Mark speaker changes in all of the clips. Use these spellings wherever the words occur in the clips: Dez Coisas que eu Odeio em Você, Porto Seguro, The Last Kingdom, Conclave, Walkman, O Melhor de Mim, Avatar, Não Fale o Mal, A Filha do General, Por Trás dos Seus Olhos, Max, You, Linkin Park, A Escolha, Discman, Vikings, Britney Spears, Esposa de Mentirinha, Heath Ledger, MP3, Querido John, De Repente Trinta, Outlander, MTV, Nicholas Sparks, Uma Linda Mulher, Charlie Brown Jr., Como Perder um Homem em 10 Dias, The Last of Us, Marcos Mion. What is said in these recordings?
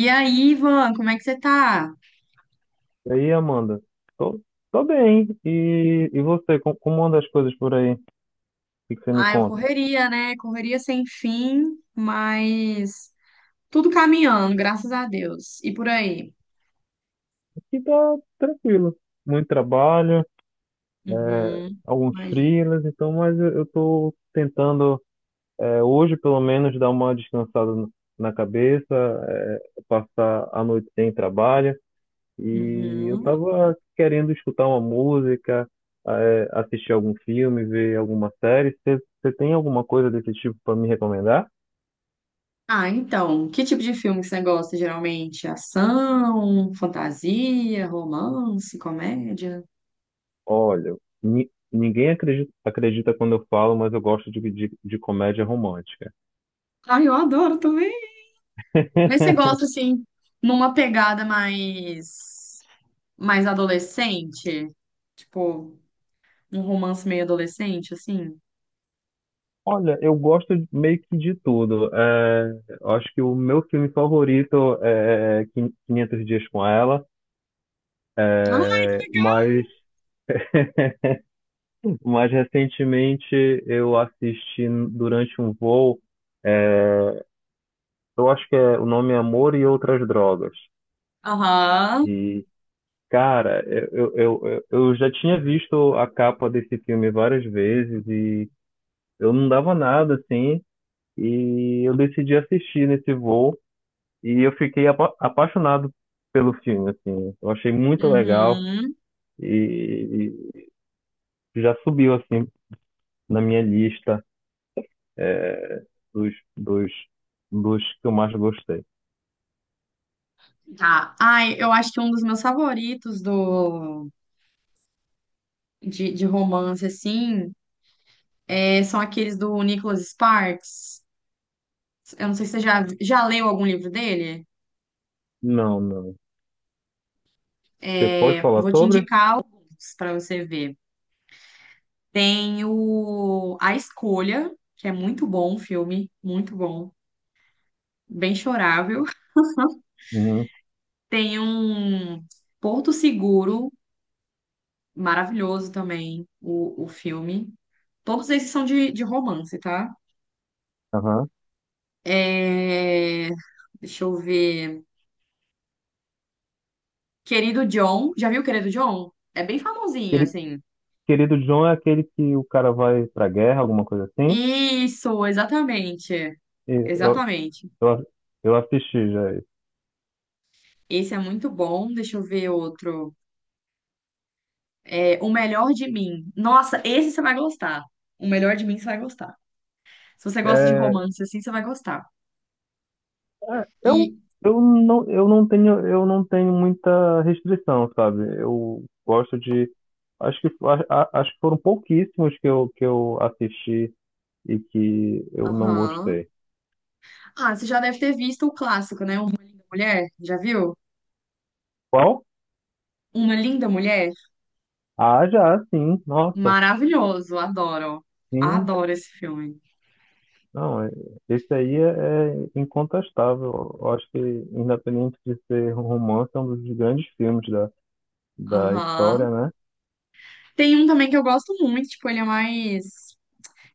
Speaker 1: E aí, Ivan, como é que você tá?
Speaker 2: E aí, Amanda? Tô, Tô bem. E você, como anda as coisas por aí? O que que você me
Speaker 1: Ah, eu
Speaker 2: conta?
Speaker 1: correria, né? Correria sem fim, mas tudo caminhando, graças a Deus. E por aí?
Speaker 2: Aqui tá tranquilo. Muito trabalho,
Speaker 1: Uhum,
Speaker 2: alguns
Speaker 1: imagino.
Speaker 2: freelas, então, mas eu tô tentando, hoje pelo menos, dar uma descansada na cabeça, passar a noite sem trabalho. E eu
Speaker 1: Uhum.
Speaker 2: tava querendo escutar uma música, assistir algum filme, ver alguma série. Você tem alguma coisa desse tipo para me recomendar?
Speaker 1: Ah, então, que tipo de filme que você gosta geralmente? Ação, fantasia, romance, comédia?
Speaker 2: Olha, ninguém acredita, acredita quando eu falo, mas eu gosto de comédia romântica.
Speaker 1: Ah, eu adoro também. Mas você gosta, assim, numa pegada mais, mais adolescente? Tipo, um romance meio adolescente, assim?
Speaker 2: Olha, meio que de tudo. É, eu acho que o meu filme favorito é 500 Dias com Ela,
Speaker 1: Ai, que legal!
Speaker 2: mas mais recentemente eu assisti durante um voo, é, eu acho que o nome é Amor e Outras Drogas.
Speaker 1: Aham.
Speaker 2: Cara, eu já tinha visto a capa desse filme várias vezes e eu não dava nada assim, e eu decidi assistir nesse voo e eu fiquei apaixonado pelo filme, assim. Eu achei muito legal
Speaker 1: Uhum.
Speaker 2: e, e já subiu assim na minha lista é, dos, dos, dos que eu mais gostei.
Speaker 1: Tá. Ai, eu acho que um dos meus favoritos do, de romance, assim, é- são aqueles do Nicholas Sparks. Eu não sei se você já, já leu algum livro dele.
Speaker 2: Não, não. Você pode falar
Speaker 1: Vou te
Speaker 2: sobre?
Speaker 1: indicar para você ver. Tem o A Escolha, que é muito bom o filme, muito bom, bem chorável.
Speaker 2: Uhum.
Speaker 1: Tem um Porto Seguro, maravilhoso também o filme. Todos esses são de romance, tá?
Speaker 2: Aham.
Speaker 1: É, deixa eu ver. Querido John. Já viu Querido John? É bem famosinho,
Speaker 2: Queri-
Speaker 1: assim.
Speaker 2: Querido John é aquele que o cara vai pra guerra, alguma coisa assim?
Speaker 1: Isso, exatamente.
Speaker 2: E, ó,
Speaker 1: Exatamente.
Speaker 2: Eu, a- eu assisti já esse.
Speaker 1: Esse é muito bom. Deixa eu ver outro. É, O Melhor de Mim. Nossa, esse você vai gostar. O Melhor de Mim você vai gostar. Se você gosta de
Speaker 2: É,
Speaker 1: romance, assim, você vai gostar.
Speaker 2: é, eu,
Speaker 1: E.
Speaker 2: eu não tenho muita restrição, sabe? Eu gosto de, acho que, acho que foram pouquíssimos que eu assisti e que eu não
Speaker 1: Aham.
Speaker 2: gostei.
Speaker 1: Ah, você já deve ter visto o clássico, né? Uma Linda Mulher. Já viu?
Speaker 2: Qual?
Speaker 1: Uma Linda Mulher?
Speaker 2: Ah, já, sim. Nossa,
Speaker 1: Maravilhoso, adoro.
Speaker 2: sim.
Speaker 1: Adoro esse filme.
Speaker 2: Não, é, esse aí é, é incontestável. Eu acho que, independente de ser um romance, é um dos grandes filmes da, da
Speaker 1: Aham.
Speaker 2: história, né?
Speaker 1: Tem um também que eu gosto muito, tipo, ele é mais.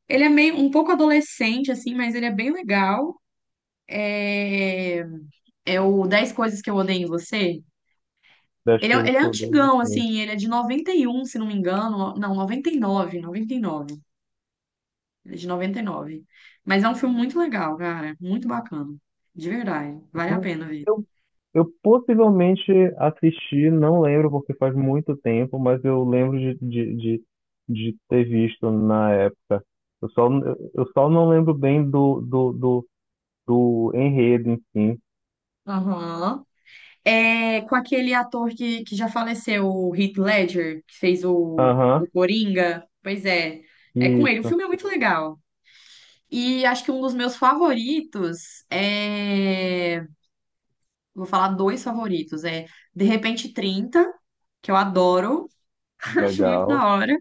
Speaker 1: Ele é meio um pouco adolescente, assim, mas ele é bem legal. É, é o Dez Coisas que eu odeio em você.
Speaker 2: Das
Speaker 1: Ele
Speaker 2: coisas
Speaker 1: é
Speaker 2: que eu dou.
Speaker 1: antigão, assim, ele é de 91, se não me engano. Não, 99, 99. Ele é de 99. Mas é um filme muito legal, cara. Muito bacana. De verdade. Vale a pena ver.
Speaker 2: Eu, Eu possivelmente assisti, não lembro porque faz muito tempo, mas eu lembro de ter visto na época. Eu só, eu só não lembro bem do enredo em si.
Speaker 1: Aham. É com aquele ator que já faleceu, o Heath Ledger, que fez
Speaker 2: Aham,
Speaker 1: o Coringa. Pois é, é com ele. O
Speaker 2: isso,
Speaker 1: filme é muito legal. E acho que um dos meus favoritos é. Vou falar dois favoritos. É De Repente Trinta que eu adoro. Acho muito
Speaker 2: legal.
Speaker 1: da hora.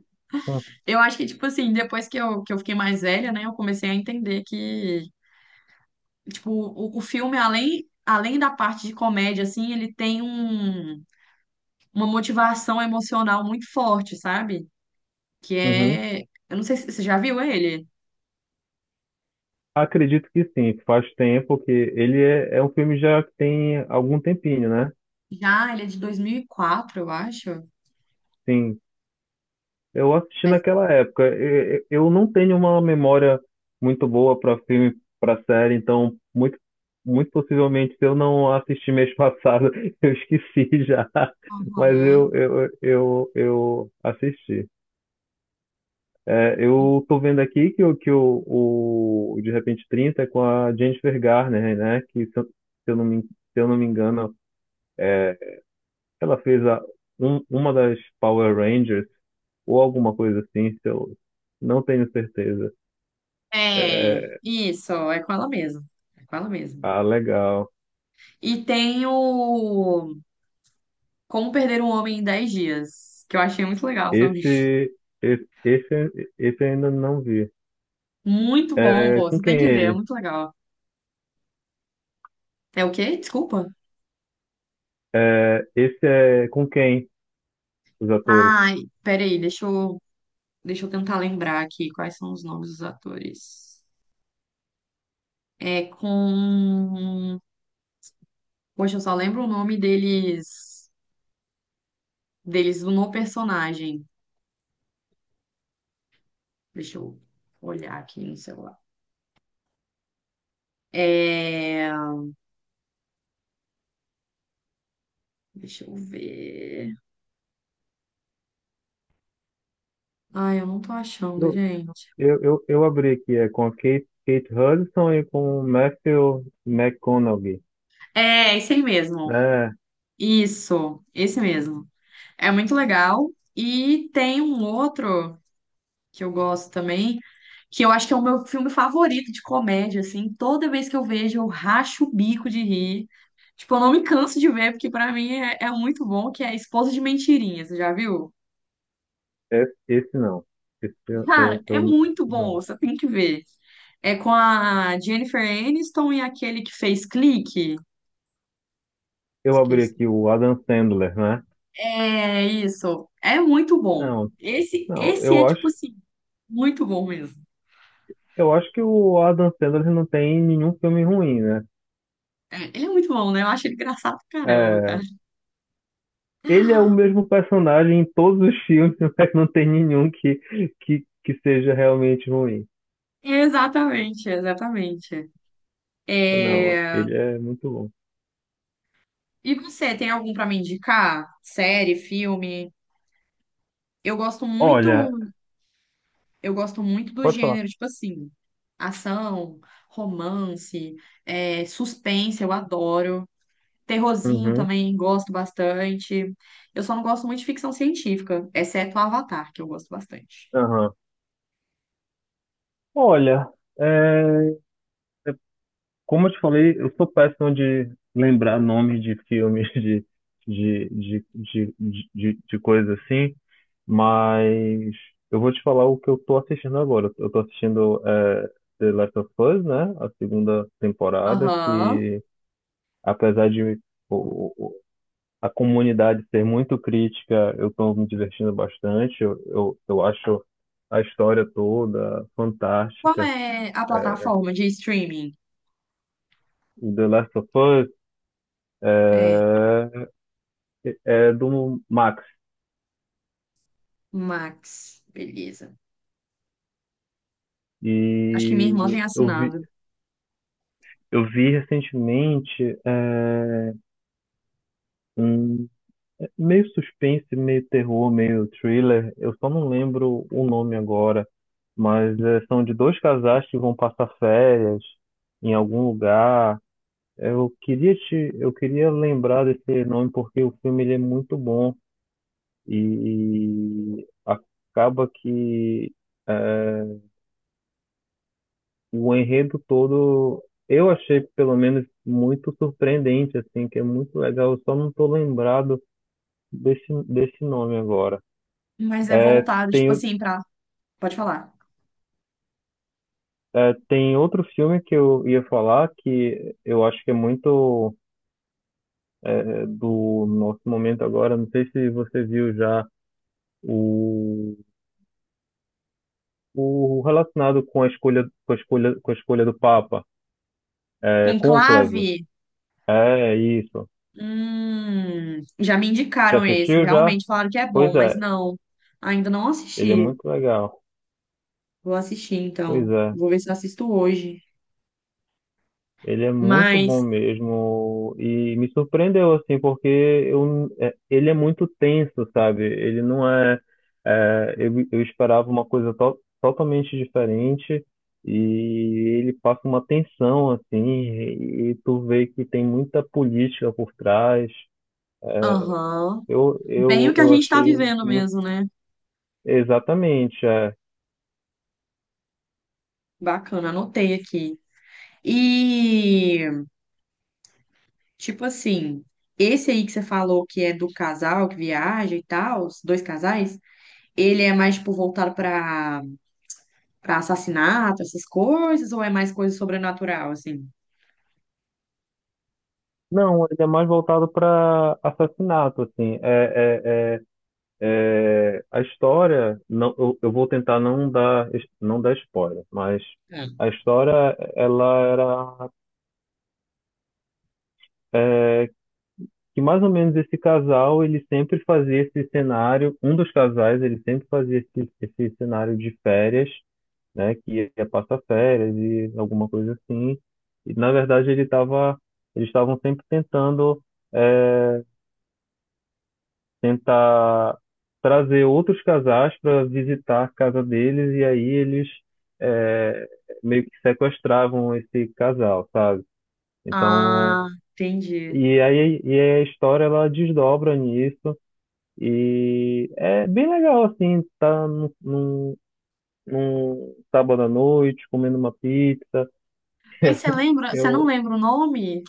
Speaker 1: Eu acho que, tipo assim, depois que eu fiquei mais velha, né, eu comecei a entender que, tipo, o filme, além, além da parte de comédia, assim, ele tem um uma motivação emocional muito forte, sabe? Que
Speaker 2: Uhum.
Speaker 1: é. Eu não sei se você já viu ele.
Speaker 2: Acredito que sim, faz tempo que ele é, é um filme já que tem algum tempinho, né?
Speaker 1: Já, ele é de 2004, eu acho.
Speaker 2: Sim. Eu assisti
Speaker 1: Mas.
Speaker 2: naquela época. Eu não tenho uma memória muito boa para filme, para série, então muito possivelmente se eu não assisti mês passado, eu esqueci já. Mas
Speaker 1: Uhum.
Speaker 2: eu assisti. É, eu tô vendo aqui que o De Repente 30 é com a Jennifer Garner, né? Que se eu, se eu não me, se eu não me engano, é, ela fez uma das Power Rangers ou alguma coisa assim, se eu não tenho certeza.
Speaker 1: É,
Speaker 2: É,
Speaker 1: isso, é com ela mesma. É com ela mesma.
Speaker 2: ah, legal.
Speaker 1: E tem o Como Perder um Homem em 10 Dias, que eu achei muito legal também.
Speaker 2: Esse, esse eu ainda não vi.
Speaker 1: Muito bom,
Speaker 2: É,
Speaker 1: pô,
Speaker 2: com
Speaker 1: você
Speaker 2: quem
Speaker 1: tem que
Speaker 2: é
Speaker 1: ver, é
Speaker 2: ele?
Speaker 1: muito legal. É o quê? Desculpa.
Speaker 2: É, esse é com quem os atores?
Speaker 1: Ai, peraí, deixa eu tentar lembrar aqui quais são os nomes dos atores. É com poxa, eu só lembro o nome deles, deles no personagem. Deixa eu olhar aqui no celular. É... deixa eu ver. Ai, eu não tô achando,
Speaker 2: Eu,
Speaker 1: gente.
Speaker 2: eu abri aqui, é com a Kate, Kate Hudson e com o Matthew McConaughey.
Speaker 1: É, esse aí mesmo.
Speaker 2: É,
Speaker 1: Isso, esse mesmo. É muito legal. E tem um outro. Que eu gosto também, que eu acho que é o meu filme favorito de comédia, assim. Toda vez que eu vejo, eu racho o bico de rir. Tipo, eu não me canso de ver, porque pra mim é, é muito bom, que é Esposa de Mentirinha, você já viu?
Speaker 2: esse não. Esse
Speaker 1: Cara, é
Speaker 2: eu não,
Speaker 1: muito bom,
Speaker 2: não.
Speaker 1: você tem que ver. É com a Jennifer Aniston e aquele que fez Clique.
Speaker 2: Eu abri
Speaker 1: Esqueci.
Speaker 2: aqui o Adam Sandler, né?
Speaker 1: É isso. É muito bom.
Speaker 2: Não,
Speaker 1: Esse,
Speaker 2: não,
Speaker 1: esse é tipo assim, muito bom mesmo.
Speaker 2: eu acho que o Adam Sandler não tem nenhum filme ruim, né?
Speaker 1: É, ele é muito bom, né? Eu acho ele engraçado pra caramba.
Speaker 2: É, ele é o mesmo personagem em todos os filmes, mas não tem nenhum que seja realmente ruim.
Speaker 1: Exatamente, exatamente.
Speaker 2: Não,
Speaker 1: É,
Speaker 2: ele é muito bom.
Speaker 1: e você, tem algum pra me indicar? Série, filme? Eu gosto
Speaker 2: Olha,
Speaker 1: muito, eu gosto muito do
Speaker 2: pode falar.
Speaker 1: gênero, tipo assim, ação, romance, é, suspense, eu adoro. Terrorzinho
Speaker 2: Uhum,
Speaker 1: também gosto bastante. Eu só não gosto muito de ficção científica, exceto Avatar, que eu gosto bastante.
Speaker 2: aham. Olha, é, como eu te falei, eu sou péssimo de lembrar nomes de filmes, de coisas assim, mas eu vou te falar o que eu tô assistindo agora. Eu tô assistindo é, The Last of Us, né? A segunda temporada,
Speaker 1: Aham.
Speaker 2: que apesar de o- o- a comunidade ser muito crítica, eu estou me divertindo bastante. Eu acho a história toda
Speaker 1: Qual
Speaker 2: fantástica.
Speaker 1: é a
Speaker 2: É,
Speaker 1: plataforma de streaming?
Speaker 2: o The Last of Us
Speaker 1: É,
Speaker 2: é, é do Max.
Speaker 1: Max, beleza. Acho que minha
Speaker 2: E
Speaker 1: irmã tem
Speaker 2: eu vi,
Speaker 1: assinado.
Speaker 2: eu vi recentemente um meio suspense, meio terror, meio thriller. Eu só não lembro o nome agora, mas é, são de dois casais que vão passar férias em algum lugar. Eu queria lembrar desse nome porque o filme ele é muito bom e acaba que é, o enredo todo eu achei pelo menos muito surpreendente, assim, que é muito legal. Eu só não tô lembrado desse nome agora.
Speaker 1: Mas é
Speaker 2: É,
Speaker 1: voltado, tipo
Speaker 2: tem
Speaker 1: assim, pra. Pode falar.
Speaker 2: é, tem outro filme que eu ia falar que eu acho que é muito do nosso momento agora. Não sei se você viu já o, o relacionado com a escolha, com a escolha do Papa, é,
Speaker 1: Conclave?
Speaker 2: Conclave. É isso.
Speaker 1: Já me
Speaker 2: Você
Speaker 1: indicaram esse.
Speaker 2: assistiu já?
Speaker 1: Realmente falaram que é
Speaker 2: Pois
Speaker 1: bom, mas
Speaker 2: é,
Speaker 1: não. Ainda não
Speaker 2: ele é
Speaker 1: assisti.
Speaker 2: muito legal.
Speaker 1: Vou assistir,
Speaker 2: Pois
Speaker 1: então.
Speaker 2: é.
Speaker 1: Vou ver se eu assisto hoje.
Speaker 2: Ele é muito bom
Speaker 1: Mas,
Speaker 2: mesmo e me surpreendeu assim, porque eu, é, ele é muito tenso, sabe? Ele não é, é, eu esperava uma coisa totalmente diferente e ele passa uma tensão assim e tu vê que tem muita política por trás.
Speaker 1: aham.
Speaker 2: Eu,
Speaker 1: Bem o
Speaker 2: eu,
Speaker 1: que a
Speaker 2: eu
Speaker 1: gente tá
Speaker 2: achei
Speaker 1: vivendo
Speaker 2: mu-
Speaker 1: mesmo, né?
Speaker 2: exatamente, é.
Speaker 1: Bacana, anotei aqui. E, tipo assim, esse aí que você falou que é do casal que viaja e tal, os dois casais, ele é mais, tipo, voltado pra. Pra assassinato, essas coisas, ou é mais coisa sobrenatural, assim?
Speaker 2: Não, ele é mais voltado para assassinato assim. É, a história, não, eu vou tentar não dar spoiler, mas
Speaker 1: É.
Speaker 2: a história, ela era que mais ou menos esse casal, ele sempre fazia esse cenário, um dos casais, ele sempre fazia esse cenário de férias, né, que ia passar férias e alguma coisa assim. E, na verdade, eles estavam sempre tentando é, tentar trazer outros casais para visitar a casa deles e aí eles é, meio que sequestravam esse casal, sabe?
Speaker 1: Ah,
Speaker 2: Então,
Speaker 1: entendi.
Speaker 2: e aí e a história ela desdobra nisso e é bem legal assim, tá num sábado à noite comendo uma pizza.
Speaker 1: Mas você lembra, você não
Speaker 2: Eu
Speaker 1: lembra o nome?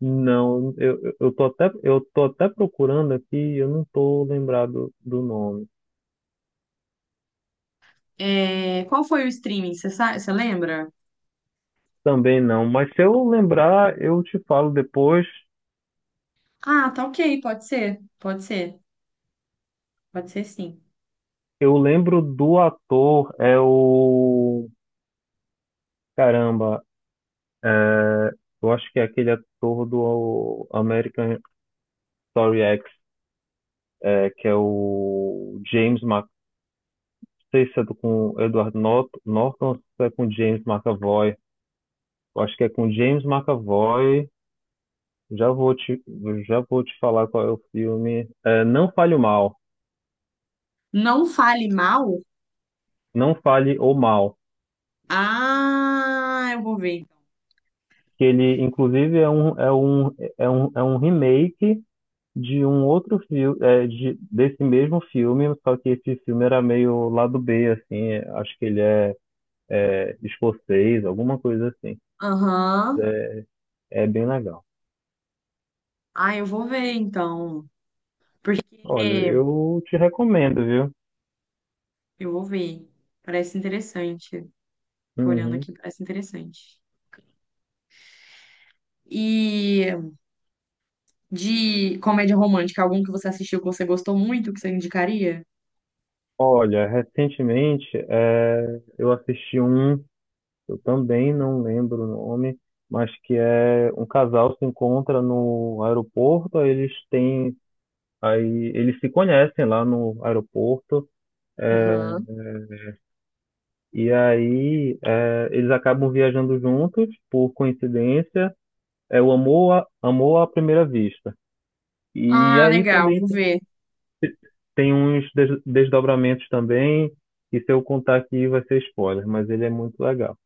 Speaker 2: não, Eu tô até procurando aqui, eu não tô lembrado do nome.
Speaker 1: É, qual foi o streaming? Você sabe, você lembra?
Speaker 2: Também não, mas se eu lembrar, eu te falo depois.
Speaker 1: Ah, tá ok, pode ser, pode ser, pode ser sim.
Speaker 2: Eu lembro do ator, é o. Caramba, eu acho que é aquele ator do American Story X, é, que é o James Mc... Não sei se é com o Edward Norton, Norton ou se é com James McAvoy. Eu acho que é com James McAvoy. Já vou te, já vou te falar qual é o filme. É, Não Fale o Mal.
Speaker 1: Não fale mal?
Speaker 2: Não Fale o Mal,
Speaker 1: Ah, eu vou ver então.
Speaker 2: que ele inclusive é um remake de um outro filme é, de, desse mesmo filme, só que esse filme era meio lado B assim, é, acho que ele é, é escocês alguma coisa assim,
Speaker 1: Aham.
Speaker 2: é bem legal.
Speaker 1: Ah, eu vou ver então. Porque
Speaker 2: Olha, eu te recomendo, viu?
Speaker 1: eu vou ver. Parece interessante. Fico olhando
Speaker 2: Uhum.
Speaker 1: aqui, parece interessante. E de comédia romântica, algum que você assistiu que você gostou muito, que você indicaria?
Speaker 2: Olha, recentemente é, eu assisti um, eu também não lembro o nome, mas que é um casal se encontra no aeroporto, aí eles têm, aí eles se conhecem lá no aeroporto
Speaker 1: Uhum.
Speaker 2: e aí é, eles acabam viajando juntos por coincidência. É o amor, amor à primeira vista. E
Speaker 1: Ah,
Speaker 2: aí
Speaker 1: legal,
Speaker 2: também
Speaker 1: vou
Speaker 2: tem,
Speaker 1: ver.
Speaker 2: tem uns desdobramentos também, que se eu contar aqui vai ser spoiler, mas ele é muito legal.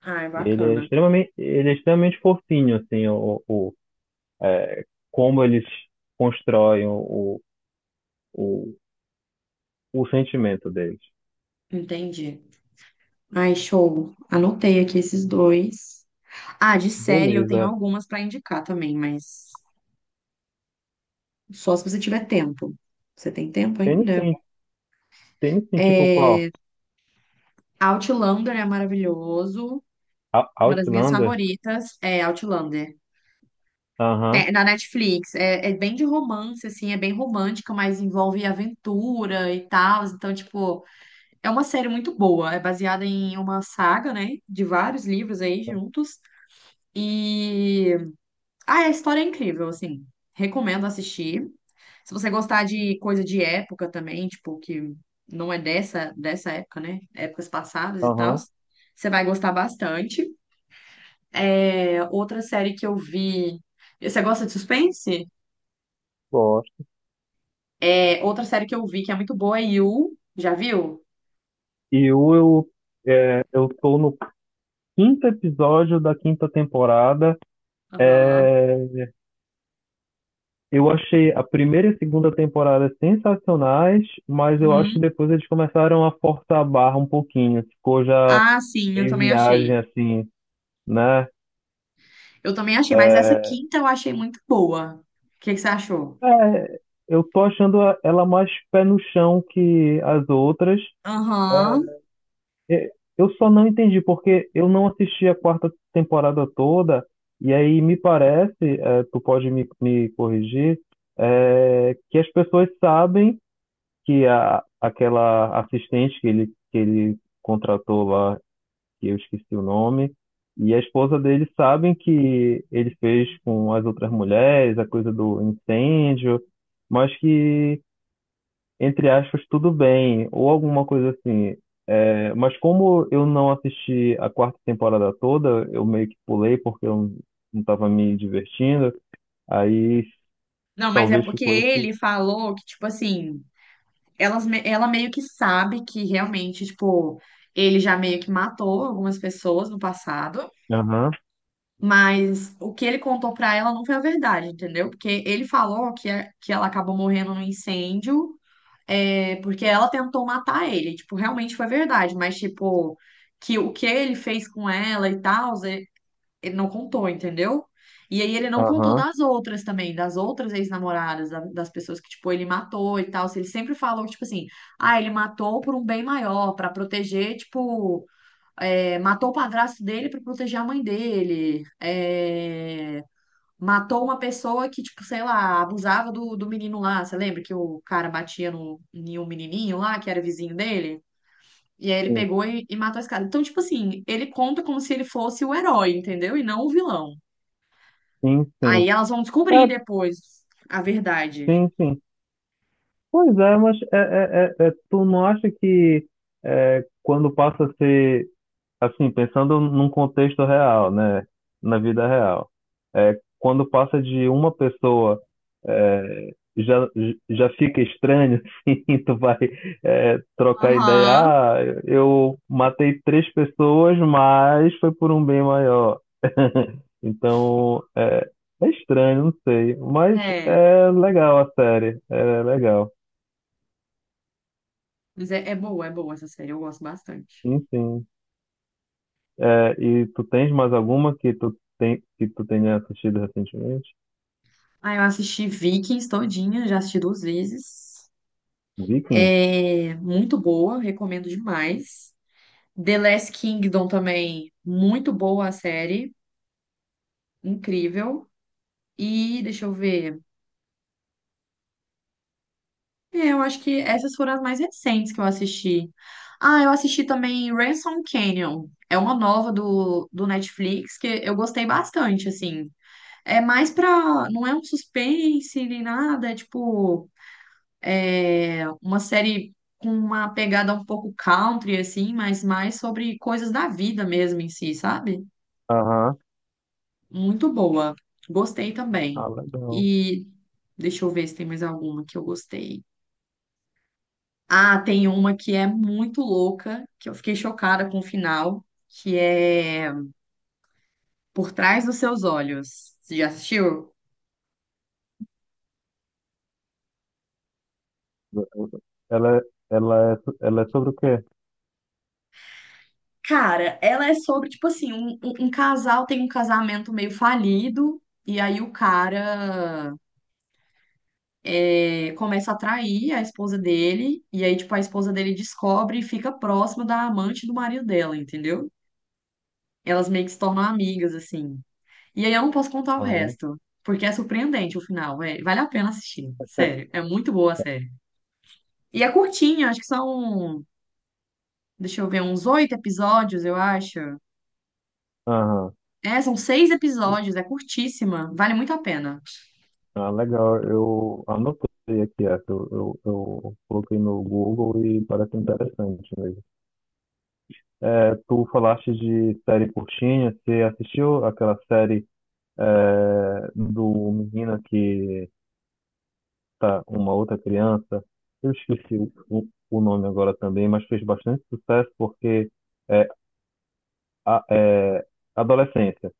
Speaker 1: Ah, é bacana.
Speaker 2: Ele é extremamente fofinho, assim, como eles constroem o o sentimento deles.
Speaker 1: Entendi. Ai, show. Anotei aqui esses dois. Ah, de série eu tenho
Speaker 2: Beleza.
Speaker 1: algumas pra indicar também, mas só se você tiver tempo. Você tem tempo
Speaker 2: Tem
Speaker 1: ainda?
Speaker 2: sim, tem sim, tipo qual?
Speaker 1: É... Outlander é maravilhoso. Uma das minhas
Speaker 2: Outlander?
Speaker 1: favoritas é Outlander.
Speaker 2: Aham,
Speaker 1: Tem- na Netflix, é, é bem de romance, assim, é bem romântica, mas envolve aventura e tal. Então, tipo, é uma série muito boa. É baseada em uma saga, né? De vários livros aí juntos. E. Ah, a história é incrível, assim. Recomendo assistir. Se você gostar de coisa de época também, tipo, que não é dessa época, né? Épocas passadas e tal,
Speaker 2: aham,
Speaker 1: você vai gostar bastante. É, outra série que eu vi. Você gosta de suspense?
Speaker 2: gosto.
Speaker 1: É, outra série que eu vi que é muito boa é You. Já viu?
Speaker 2: E eu, eu tô no quinto episódio da quinta temporada.
Speaker 1: Aham.
Speaker 2: É, eu achei a primeira e segunda temporada sensacionais, mas eu acho que
Speaker 1: Uhum.
Speaker 2: depois eles começaram a forçar a barra um pouquinho. Ficou já
Speaker 1: Ah, sim, eu
Speaker 2: meio
Speaker 1: também
Speaker 2: viagem
Speaker 1: achei.
Speaker 2: assim, né?
Speaker 1: Eu também achei, mas essa quinta eu achei muito boa. O que que você achou?
Speaker 2: É, eu tô achando ela mais pé no chão que as outras.
Speaker 1: Aham.
Speaker 2: E eu só não entendi, porque eu não assisti a quarta temporada toda, e aí me parece, eh, tu pode me corrigir, eh, que as pessoas sabem que a, aquela assistente que ele contratou lá, que eu esqueci o nome, e a esposa dele sabem que ele fez com as outras mulheres, a coisa do incêndio, mas que entre aspas, tudo bem, ou alguma coisa assim. É, mas como eu não assisti a quarta temporada toda, eu meio que pulei porque eu não estava me divertindo, aí
Speaker 1: Não, mas é
Speaker 2: talvez
Speaker 1: porque
Speaker 2: ficou esse.
Speaker 1: ele falou que, tipo assim, elas, me- ela meio que sabe que realmente, tipo, ele já meio que matou algumas pessoas no passado,
Speaker 2: Aham,
Speaker 1: mas o que ele contou pra ela não foi a verdade, entendeu? Porque ele falou que, a- que ela acabou morrendo num incêndio. É, porque ela tentou matar ele, tipo, realmente foi verdade, mas tipo, que o que ele fez com ela e tal, ele ele não contou, entendeu? E aí ele não contou
Speaker 2: aham,
Speaker 1: das outras também, das outras ex-namoradas, da- das pessoas que, tipo, ele matou e tal. Ele sempre falou, tipo assim, ah, ele matou por um bem maior, pra proteger, tipo, é, matou o padrasto dele pra proteger a mãe dele. É, matou uma pessoa que, tipo, sei lá, abusava do, do menino lá. Você lembra que o cara batia no, em um menininho lá, que era vizinho dele? E aí ele
Speaker 2: sim,
Speaker 1: pegou e matou esse cara. Então, tipo assim, ele conta como se ele fosse o herói, entendeu? E não o vilão.
Speaker 2: sim,
Speaker 1: Aí
Speaker 2: sim.
Speaker 1: elas vão
Speaker 2: É,
Speaker 1: descobrir depois a verdade.
Speaker 2: sim, sim. Pois é, mas é, tu não acha que é, quando passa a ser assim, pensando num contexto real, né, na vida real, é, quando passa de uma pessoa, é, já, já fica estranho, assim, tu vai, é, trocar ideia,
Speaker 1: Aham.
Speaker 2: ah, eu matei três pessoas, mas foi por um bem maior. Então, é, é estranho, não sei, mas
Speaker 1: É,
Speaker 2: é legal a série, é legal,
Speaker 1: mas é, é boa essa série, eu gosto bastante.
Speaker 2: sim, sim. É, e tu tens mais alguma que tu, tem, que tu tenha assistido recentemente?
Speaker 1: Ah, eu assisti Vikings todinha, já assisti 2 vezes.
Speaker 2: Viking?
Speaker 1: É muito boa, recomendo demais. The Last Kingdom também, muito boa a série, incrível. E deixa eu ver. É, eu acho que essas foram as mais recentes que eu assisti. Ah, eu assisti também Ransom Canyon. É uma nova do, do Netflix que eu gostei bastante, assim. É mais pra. Não é um suspense nem nada, é tipo é uma série com uma pegada um pouco country, assim, mas mais sobre coisas da vida mesmo em si, sabe?
Speaker 2: Aham.
Speaker 1: Muito boa. Gostei também.
Speaker 2: Ah, legal.
Speaker 1: E deixa eu ver se tem mais alguma que eu gostei. Ah, tem uma que é muito louca, que eu fiquei chocada com o final, que é Por Trás dos Seus Olhos. Você já assistiu?
Speaker 2: Ela, Ela, é, ela é sobre o quê?
Speaker 1: Cara, ela é sobre, tipo assim, um- um casal tem um casamento meio falido, e aí o cara é, começa a trair a esposa dele, e aí, tipo, a esposa dele descobre e fica próxima da amante do marido dela, entendeu? Elas meio que se tornam amigas, assim. E aí eu não posso contar o
Speaker 2: Aham.
Speaker 1: resto, porque é surpreendente o final, é, vale a pena assistir, sério, é muito boa a série. E é curtinha, acho que são, deixa eu ver, uns 8 episódios, eu acho.
Speaker 2: Aham.
Speaker 1: É, são 6 episódios, é curtíssima, vale muito a pena.
Speaker 2: Ah, legal. Eu anotei aqui essa. Eu coloquei no Google e parece interessante mesmo. É, tu falaste de série curtinha. Você assistiu aquela série é, do menino que tá uma outra criança? Eu esqueci o, o nome agora também, mas fez bastante sucesso porque é, é, adolescência,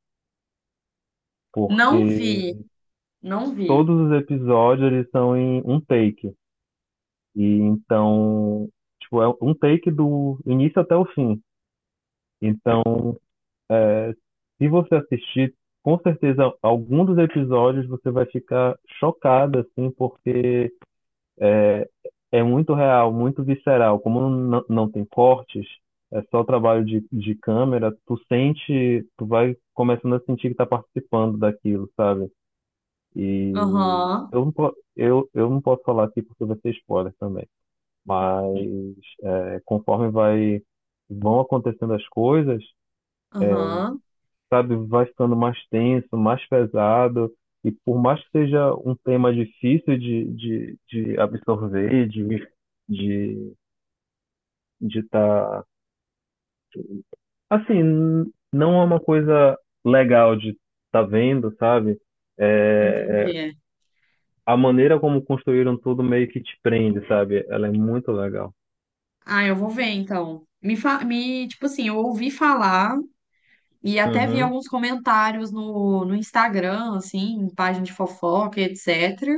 Speaker 1: Não
Speaker 2: porque
Speaker 1: vi, não vi.
Speaker 2: todos os episódios eles são em um take. E então, tipo, é um take do início até o fim. Então, se você assistir, com certeza algum dos episódios você vai ficar chocado, assim, porque é, é muito real, muito visceral. Como não, não tem cortes, é só trabalho de câmera, tu sente, tu vai começando a sentir que tá participando daquilo, sabe? E
Speaker 1: Aham,
Speaker 2: eu não, eu não posso falar aqui porque vai ser spoiler também. Mas é, conforme vai, vão acontecendo as coisas,
Speaker 1: aham,
Speaker 2: sabe, vai ficando mais tenso, mais pesado. E por mais que seja um tema difícil de absorver, de de tá, assim, não é uma coisa legal de tá vendo, sabe? É,
Speaker 1: entendi.
Speaker 2: é, a maneira como construíram tudo meio que te prende, sabe? Ela é muito legal.
Speaker 1: Ah, eu vou ver então. Me, fa... me, tipo assim, eu ouvi falar, e até vi
Speaker 2: Uhum,
Speaker 1: alguns comentários no, no Instagram, assim, em página de fofoca, etc.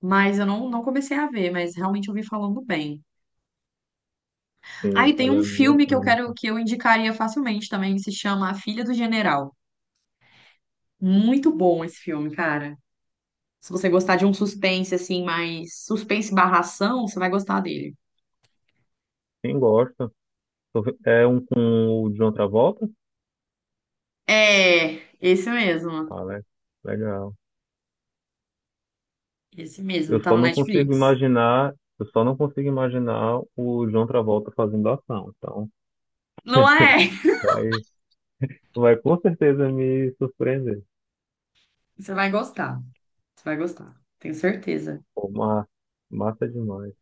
Speaker 1: Mas eu não, não comecei a ver, mas realmente eu vi falando bem. Ah,
Speaker 2: sim,
Speaker 1: e tem
Speaker 2: ela
Speaker 1: um
Speaker 2: é muito,
Speaker 1: filme que eu
Speaker 2: ela é
Speaker 1: quero
Speaker 2: muito.
Speaker 1: que eu indicaria facilmente também, que se chama A Filha do General. Muito bom esse filme, cara. Se você gostar de um suspense, assim, mais suspense barra ação, você vai gostar dele.
Speaker 2: Quem gosta? É um com o John Travolta?
Speaker 1: É, esse mesmo.
Speaker 2: Ah, né? Legal.
Speaker 1: Esse mesmo,
Speaker 2: Eu
Speaker 1: tá
Speaker 2: só
Speaker 1: no
Speaker 2: não consigo
Speaker 1: Netflix.
Speaker 2: imaginar, eu só não consigo imaginar o John Travolta fazendo ação. Então,
Speaker 1: Não é?
Speaker 2: vai, vai com certeza me surpreender.
Speaker 1: Você vai gostar. Você vai gostar, tenho certeza.
Speaker 2: Pô, massa demais.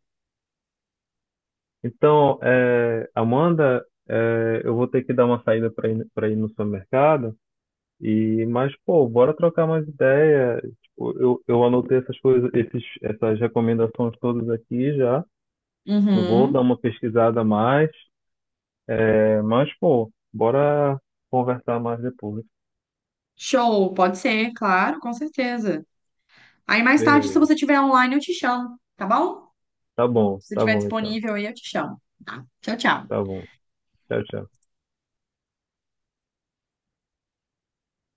Speaker 2: Então, é, Amanda, é, eu vou ter que dar uma saída para ir no supermercado. E, mas, pô, bora trocar mais ideia. Tipo, eu anotei essas coisas, essas recomendações todas aqui já. Eu vou dar
Speaker 1: Uhum.
Speaker 2: uma pesquisada a mais. É, mas, pô, bora conversar mais depois.
Speaker 1: Show, pode ser, claro, com certeza. Aí mais tarde, se
Speaker 2: Beleza.
Speaker 1: você tiver online, eu te chamo, tá bom? Se você
Speaker 2: Tá
Speaker 1: estiver
Speaker 2: bom então.
Speaker 1: disponível aí, eu te chamo. Tá? Tchau, tchau.
Speaker 2: Tá bom. Tchau, tchau.